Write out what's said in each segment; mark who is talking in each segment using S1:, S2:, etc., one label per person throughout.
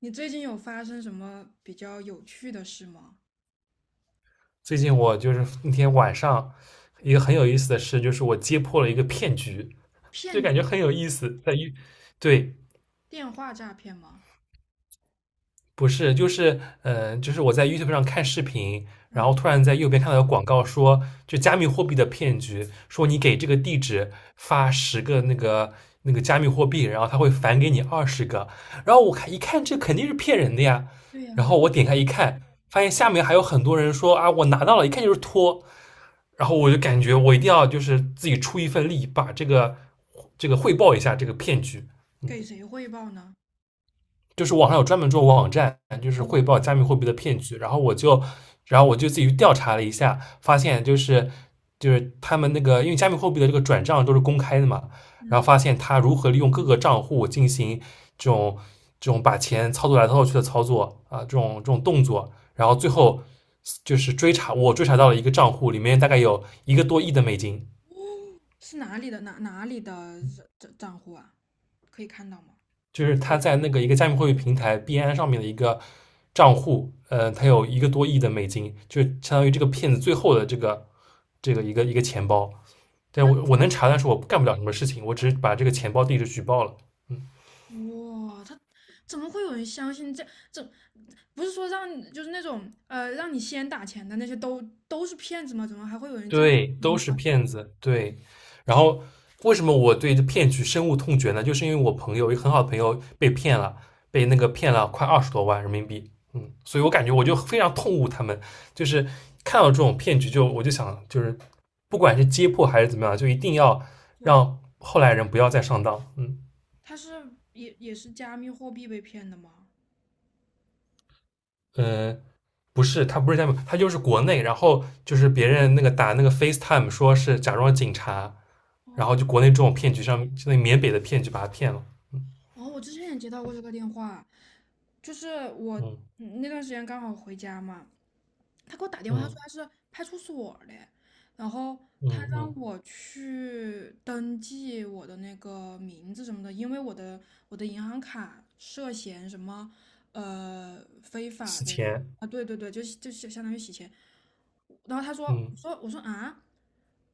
S1: 你最近有发生什么比较有趣的事吗？
S2: 最近我就是那天晚上一个很有意思的事，就是我揭破了一个骗局，就
S1: 骗局
S2: 感觉很有意思。在于。对。
S1: 电话诈骗吗？
S2: 不是，就是我在 YouTube 上看视频，然后
S1: 啊，
S2: 突然在右边看到有广告说，就加密货币的骗局，说你给这个地址发十个那个加密货币，然后他会返给你20个。然后我看一看，这肯定是骗人的呀。
S1: 对呀，
S2: 然后我点开一看，发现下面还有很多人说啊，我拿到了，一看就是托。然后我就感觉我一定要就是自己出一份力，把这个汇报一下这个骗局。嗯。
S1: 给谁汇报呢？
S2: 就是网上有专门做网站，就是
S1: 哦，
S2: 汇报加密货币的骗局。然后我就自己去调查了一下，发现就是他们那个，因为加密货币的这个转账都是公开的嘛，然后
S1: 嗯，
S2: 发现他如何利用各个账户进行这种这种把钱操作来操作去的操作啊，这种动作，然后最后就是追查，我追查到了一个账户里面大概有一个多亿的美金。
S1: 是哪里的哪里的账户啊？可以看到吗？
S2: 就是他在那个一个加密货币平台币安上面的一个账户，他有一个多亿的美金，就相当于这个骗子最后的这个一个钱包。但
S1: 那
S2: 我能查，但是我干不了什么事情，我只是把这个钱包地址举报了。
S1: 哇，他怎么会有人相信这？不是说让就是那种让你先打钱的那些都是骗子吗？怎么还会有人这样？
S2: 对，都
S1: 嗯，
S2: 是骗子。对，然后为什么我对这骗局深恶痛绝呢？就是因为我朋友一个很好的朋友被骗了，被那个骗了快20多万人民币。嗯，所以我感觉
S1: 就
S2: 我就非常痛恶他们，就是看到这种骗局就我就想，就是不管是揭破还是怎么样，就一定要
S1: 做点。
S2: 让后来人不要再上当。嗯
S1: 他是也是加密货币被骗的吗？
S2: 呃，不是，他不是在美，他就是国内，然后就是别人那个打那个 FaceTime 说是假装警察，然后
S1: 哦。
S2: 就国内这种骗局上面，那缅北的骗局把他骗了，
S1: 哦，我之前也接到过这个电话，就是我
S2: 嗯
S1: 那段时间刚好回家嘛，他给我打电话，他说
S2: 嗯
S1: 他是派出所的，然后
S2: 嗯
S1: 他让
S2: 嗯，
S1: 我去登记我的那个名字什么的，因为我的银行卡涉嫌什么非法
S2: 洗
S1: 的。
S2: 钱，
S1: 啊，对对对，就是就是相当于洗钱。然后他说，
S2: 嗯，
S1: 我说啊，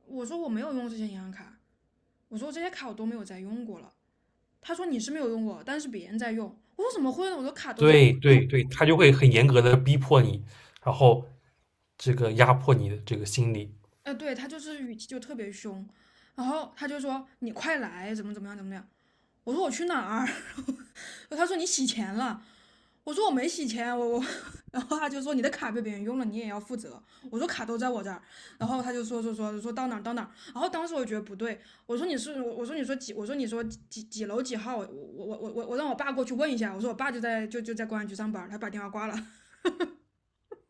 S1: 我说我没有用这些银行卡，我说这些卡我都没有再用过了。他说你是没有用过，但是别人在用。我说怎么会呢？我的卡都在。
S2: 对对对，他就会很严格的逼迫你，然后这个压迫你的这个心理，
S1: 呃，对，他就是语气就特别凶，然后他就说你快来，怎么怎么样，怎么样。我说我去哪儿？他说你洗钱了。我说我没洗钱，我，然后他就说你的卡被别人用了，你也要负责。我说卡都在我这儿，然后他就说到哪儿到哪儿。然后当时我觉得不对，我说你是我我说你说几我说你说几楼几号，我让我爸过去问一下。我说我爸就在公安局上班，他把电话挂了。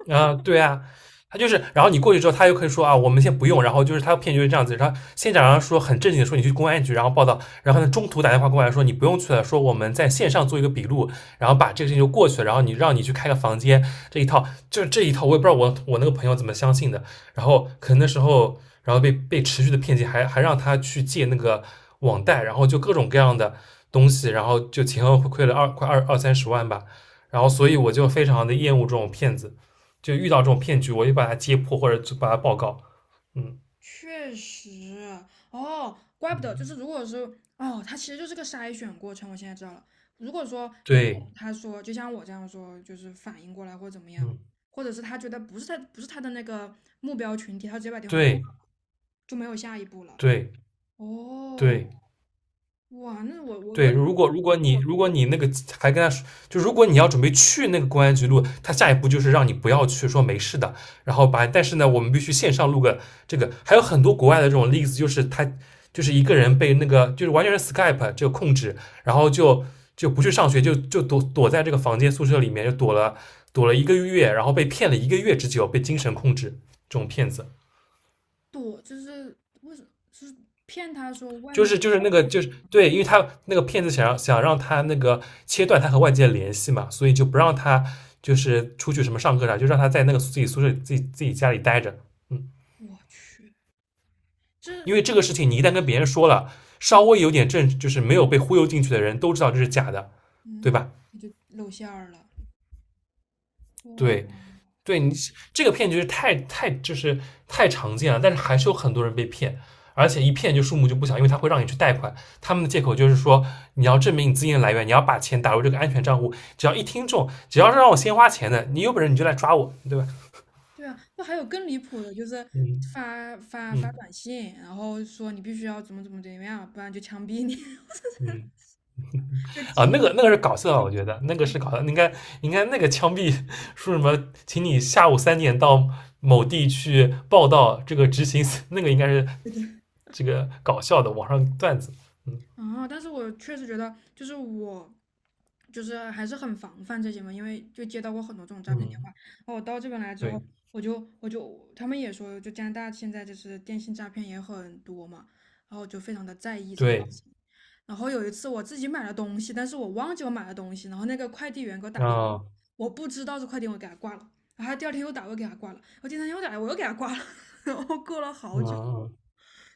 S2: 啊，对啊，他就是，然后你过去之后，他又可以说啊，我们先不用，然后就是他骗局就是这样子，然后先假装说很正经的说你去公安局，然后报道，然后呢中途打电话过来说你不用去了，说我们在线上做一个笔录，然后把这个事情就过去了，然后你让你去开个房间，这一套这一套，我也不知道我那个朋友怎么相信的，然后可能那时候，然后被持续的骗进，还让他去借那个网贷，然后就各种各样的东西，然后就前后亏了二快二二三十万吧，然后所以我就非常的厌恶这种骗子。就遇到这种骗局，我就把它揭破或者把它报告。嗯，
S1: 确实。哦，怪不得，就是如果说哦，他其实就是个筛选过程。我现在知道了，如果说一个
S2: 对，
S1: 人他说，就像我这样说，就是反应过来或者怎么样，
S2: 嗯，
S1: 或者是他觉得不是他的那个目标群体，他直接把电话
S2: 对，
S1: 挂了就没有下一步了。
S2: 对，
S1: 哦，
S2: 对，
S1: 哇，那我我
S2: 对，
S1: 我
S2: 如果你那个还跟他说，就如果你要准备去那个公安局录，他下一步就是让你不要去，说没事的，然后把，但是呢，我们必须线上录个这个，还有很多国外的这种例子，就是他就是一个人被那个就是完全是 Skype 这个控制，然后就不去上学，就躲躲在这个房间宿舍里面，就躲了一个月，然后被骗了一个月之久，被精神控制这种骗子。
S1: 躲，就是为什么是骗他说外
S2: 就
S1: 面？
S2: 是就是那个就是对，因为他那个骗子想让他那个切断他和外界的联系嘛，所以就不让他就是出去什么上课啥，就让他在那个自己宿舍自己家里待着。嗯，
S1: 我去，这
S2: 因为这个事情你一旦跟别人说了，
S1: 哦，
S2: 稍微有点就是没有被忽悠进去的人都知道这是假的，对
S1: 嗯，
S2: 吧？
S1: 他就露馅儿了。
S2: 对，
S1: 哇，
S2: 对你这个骗局是太太就是太常见了，但是还是有很多人被骗，而且一骗就数目就不小，因为他会让你去贷款，他们的借口就是说你要证明你资金的来源，你要把钱打入这个安全账户，只要一听中，只要是让我先花钱的，你有本事你就来抓我，对吧？
S1: 对啊，那还有更离谱的，就是
S2: 嗯
S1: 发
S2: 嗯
S1: 短信，然后说你必须要怎么样，不然就枪毙你，
S2: 嗯，
S1: 就
S2: 啊，那
S1: 鸡，
S2: 个那个是搞笑的，我觉得那个是搞笑的，应该应该那个枪毙说什么，请你下午3点到某地去报道这个执行，那个应该是
S1: 对。对
S2: 这个搞笑的网上段子。嗯，
S1: 啊！但是我确实觉得，就是我，就是还是很防范这些嘛，因为就接到过很多这种诈骗电话。
S2: 嗯，
S1: 然后我到这边来之后，
S2: 对
S1: 我就他们也说，就加拿大现在就是电信诈骗也很多嘛，然后就非常的在意这个事
S2: 对，
S1: 情。然后有一次我自己买了东西，但是我忘记我买了东西，然后那个快递员给我打电话，
S2: 啊，
S1: 我不知道是快递员，我给他挂了。然后他第二天又打，我又给他挂了。我第三天又打来，我又给他挂了。然后过了
S2: 嗯
S1: 好久，
S2: 嗯，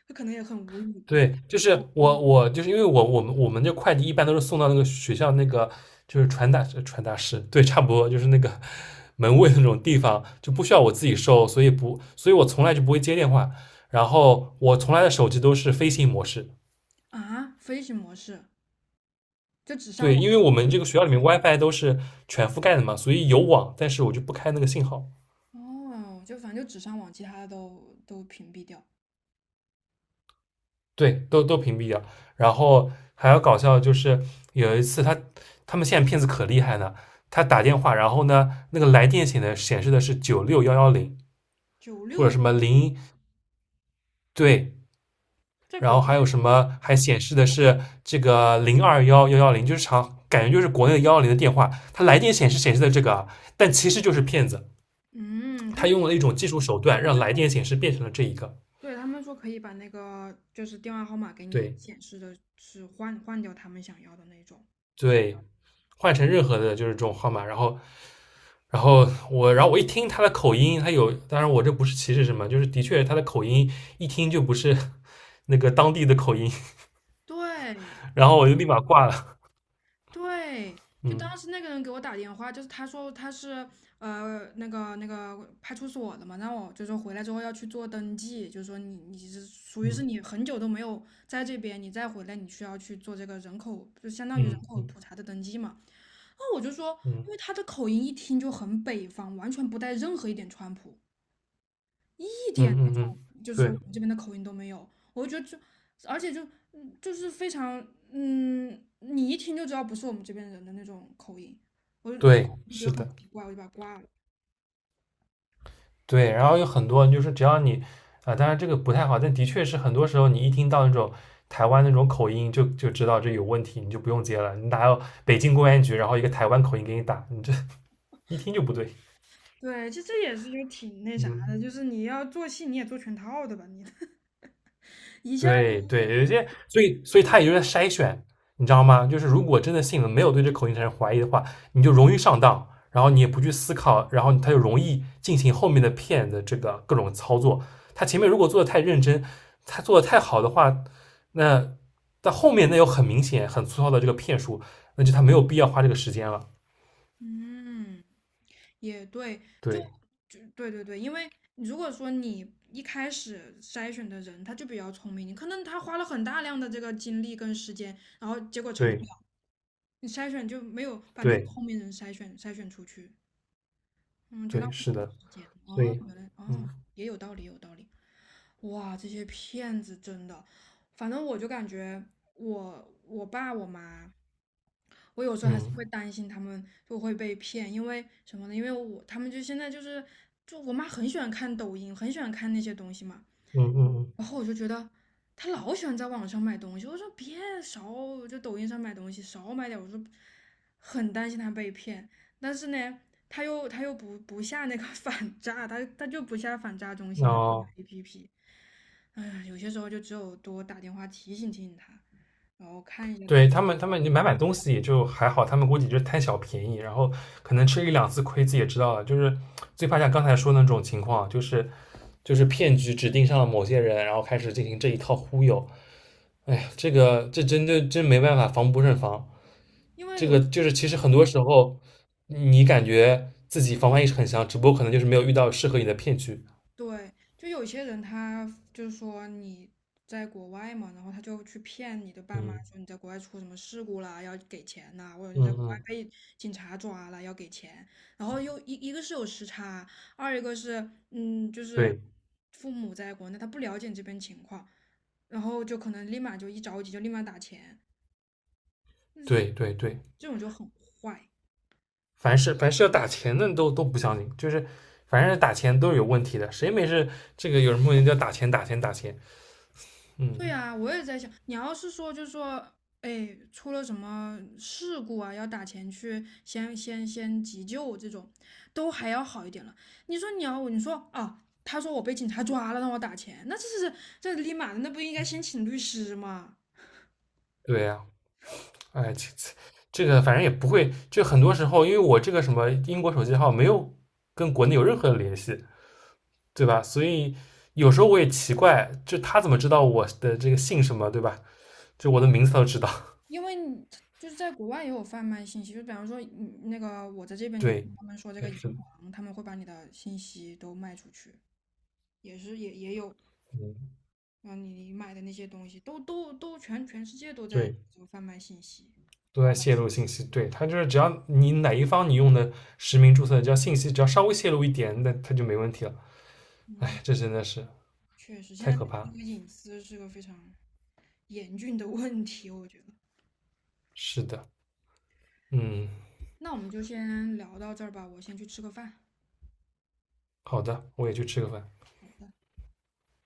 S1: 他可能也很无语吧。
S2: 对，就是我就是因为我们这快递一般都是送到那个学校那个就是传达室，对，差不多就是那个 门卫那种地方，就不需要我自己收，所以不，所以我从来就不会接电话，然后我从来的手机都是飞行模式，
S1: 啊，飞行模式。就只上
S2: 对，
S1: 网。
S2: 因为我们这个学校里面 WiFi 都是全覆盖的嘛，所以有网，但是我就不开那个信号。
S1: 哦，就反正就只上网，其他的都屏蔽掉。
S2: 对，都都屏蔽掉。然后还要搞笑，的就是有一次他他们现在骗子可厉害呢，他打电话，然后呢那个来电显的显示的是96110
S1: 九
S2: 或
S1: 六
S2: 者什么零对，
S1: 在
S2: 然
S1: 国
S2: 后
S1: 内，
S2: 还有什么还显示的是这个021110，就是长感觉就是国内的幺幺零的电话，他来电显示显示的这个啊，但其实就是骗子，
S1: 嗯，他
S2: 他
S1: 们
S2: 用了
S1: 说。
S2: 一种技术手段让来电显示变成了这一个
S1: 对他们说可以把那个就是电话号码给你
S2: 对。
S1: 显示的是换掉他们想要的那种。
S2: 对，换成任何的就是这种号码，然后，然后我，然后我一听他的口音，他有，当然我这不是歧视什么，就是的确他的口音一听就不是 那个当地的口音，
S1: 对，
S2: 然后我就立马挂了。
S1: 对，就当
S2: 嗯
S1: 时那个人给我打电话，就是他说他是那个派出所的嘛，让我就说回来之后要去做登记，就是说你你是属于是
S2: 嗯
S1: 你很久都没有在这边，你再回来你需要去做这个人口，就相当于人
S2: 嗯
S1: 口
S2: 嗯
S1: 普查的登记嘛。然后我就说，
S2: 嗯
S1: 因为他的口音一听就很北方，完全不带任何一点川普。一点那
S2: 嗯嗯
S1: 种
S2: 嗯，
S1: 就是我
S2: 对
S1: 们这边的口音都没有，我就觉得就，而且就就是非常，你一听就知道不是我们这边人的那种口音，我就
S2: 对，
S1: 觉
S2: 是
S1: 得很
S2: 的，
S1: 奇怪，我就把它挂了。
S2: 对，然后有很多就是只要你啊、当然这个不太好，但的确是很多时候你一听到那种。台湾那种口音就知道这有问题，你就不用接了。你哪有北京公安局，然后一个台湾口音给你打，你这一听就不对。
S1: 对，其实这也是就挺那啥的，就
S2: 嗯，
S1: 是你要做戏，你也做全套的吧，你 一下
S2: 对
S1: 就
S2: 对，有些，所以他也就是在筛选，你知道吗？就是如果真的信了，没有对这口音产生怀疑的话，你就容易上当，然后你也不去思考，然后他就容易进行后面的骗的这个各种操作。他前面如果做的太认真，他做的太好的话，那到后面那有很明显、很粗糙的这个骗术，那就他没有必要花这个时间了。
S1: 嗯。也对，就
S2: 对
S1: 就对对对，因为如果说你一开始筛选的人他就比较聪明，你可能他花了很大量的这个精力跟时间，然后结果成
S2: 对
S1: 你筛选就没有把那些
S2: 对
S1: 聪明人筛选出去，嗯，就浪
S2: 对，
S1: 费
S2: 是
S1: 他们
S2: 的，
S1: 时间。
S2: 所
S1: 哦，
S2: 以
S1: 原来哦，
S2: 嗯
S1: 也有道理，也有道理。哇，这些骗子真的，反正我就感觉我爸我妈，我有时候还是会
S2: 嗯
S1: 担心他们就会被骗，因为什么呢？因为我他们就现在就是就我妈很喜欢看抖音，很喜欢看那些东西嘛。
S2: 嗯嗯嗯，
S1: 然后我就觉得他老喜欢在网上买东西，我说别少就抖音上买东西，少买点。我说很担心他被骗，但是呢，他又不下那个 反诈，他就不下反诈中心的那个
S2: 那、
S1: APP。哎呀，有些时候就只有多打电话提醒他，然后看一下他，
S2: 对他们，他们你买买东西也就还好，他们估计就是贪小便宜，然后可能吃一两次亏自己也知道了。就是最怕像刚才说的那种情况，就是骗局指定上了某些人，然后开始进行这一套忽悠。哎，这个这真的真没办法，防不胜防。
S1: 因为
S2: 这
S1: 有。
S2: 个就是其实很多时候你感觉自己防范意识很强，只不过可能就是没有遇到适合你的骗局。
S1: 对，就有些人他就是说你在国外嘛，然后他就去骗你的爸妈
S2: 嗯
S1: 说你在国外出什么事故啦，要给钱呐、或者你在
S2: 嗯
S1: 国外
S2: 嗯，
S1: 被警察抓了要给钱，然后又一一个是有时差，二一个是就是
S2: 对
S1: 父母在国内他不了解你这边情况，然后就可能立马就一着急就立马打钱，但是
S2: 对对对。
S1: 这种就很坏。
S2: 凡是要打钱的都都不相信，就是凡是打钱都是有问题的，谁没事这个有人莫名叫打钱打钱打钱？
S1: 对
S2: 嗯，
S1: 呀，我也在想，你要是说就是说，哎，出了什么事故啊，要打钱去先急救这种，都还要好一点了。你说你要，你说啊，他说我被警察抓了，让我打钱，那这是这立马的，那不应该先请律师吗？
S2: 对呀、啊哎，这个反正也不会，就很多时候因为我这个什么英国手机号没有跟国内有任何的联系，对吧？所以有时候我也奇怪，就他怎么知道我的这个姓什么，对吧？就我的名字他都知道，
S1: 因为你他就是在国外也有贩卖信息，就比方说，嗯，那个我在这 边就听
S2: 对，
S1: 他们说这个
S2: 但
S1: 银
S2: 是的
S1: 行，他们会把你的信息都卖出去，也是也有。
S2: 嗯，
S1: 然后你买的那些东西，都全世界都在
S2: 对。
S1: 这个贩卖信息。
S2: 都在泄露信息。对，它就是只要你哪一方你用的实名注册，只要信息只要稍微泄露一点，那它就没问题了。哎，这
S1: 嗯，
S2: 真的是
S1: 确实，现
S2: 太
S1: 在这
S2: 可
S1: 个这
S2: 怕。
S1: 个隐私是个非常严峻的问题，我觉得。
S2: 是的，嗯，
S1: 那我们就先聊到这儿吧，我先去吃个饭。
S2: 好的，我也去吃个饭。
S1: 好的。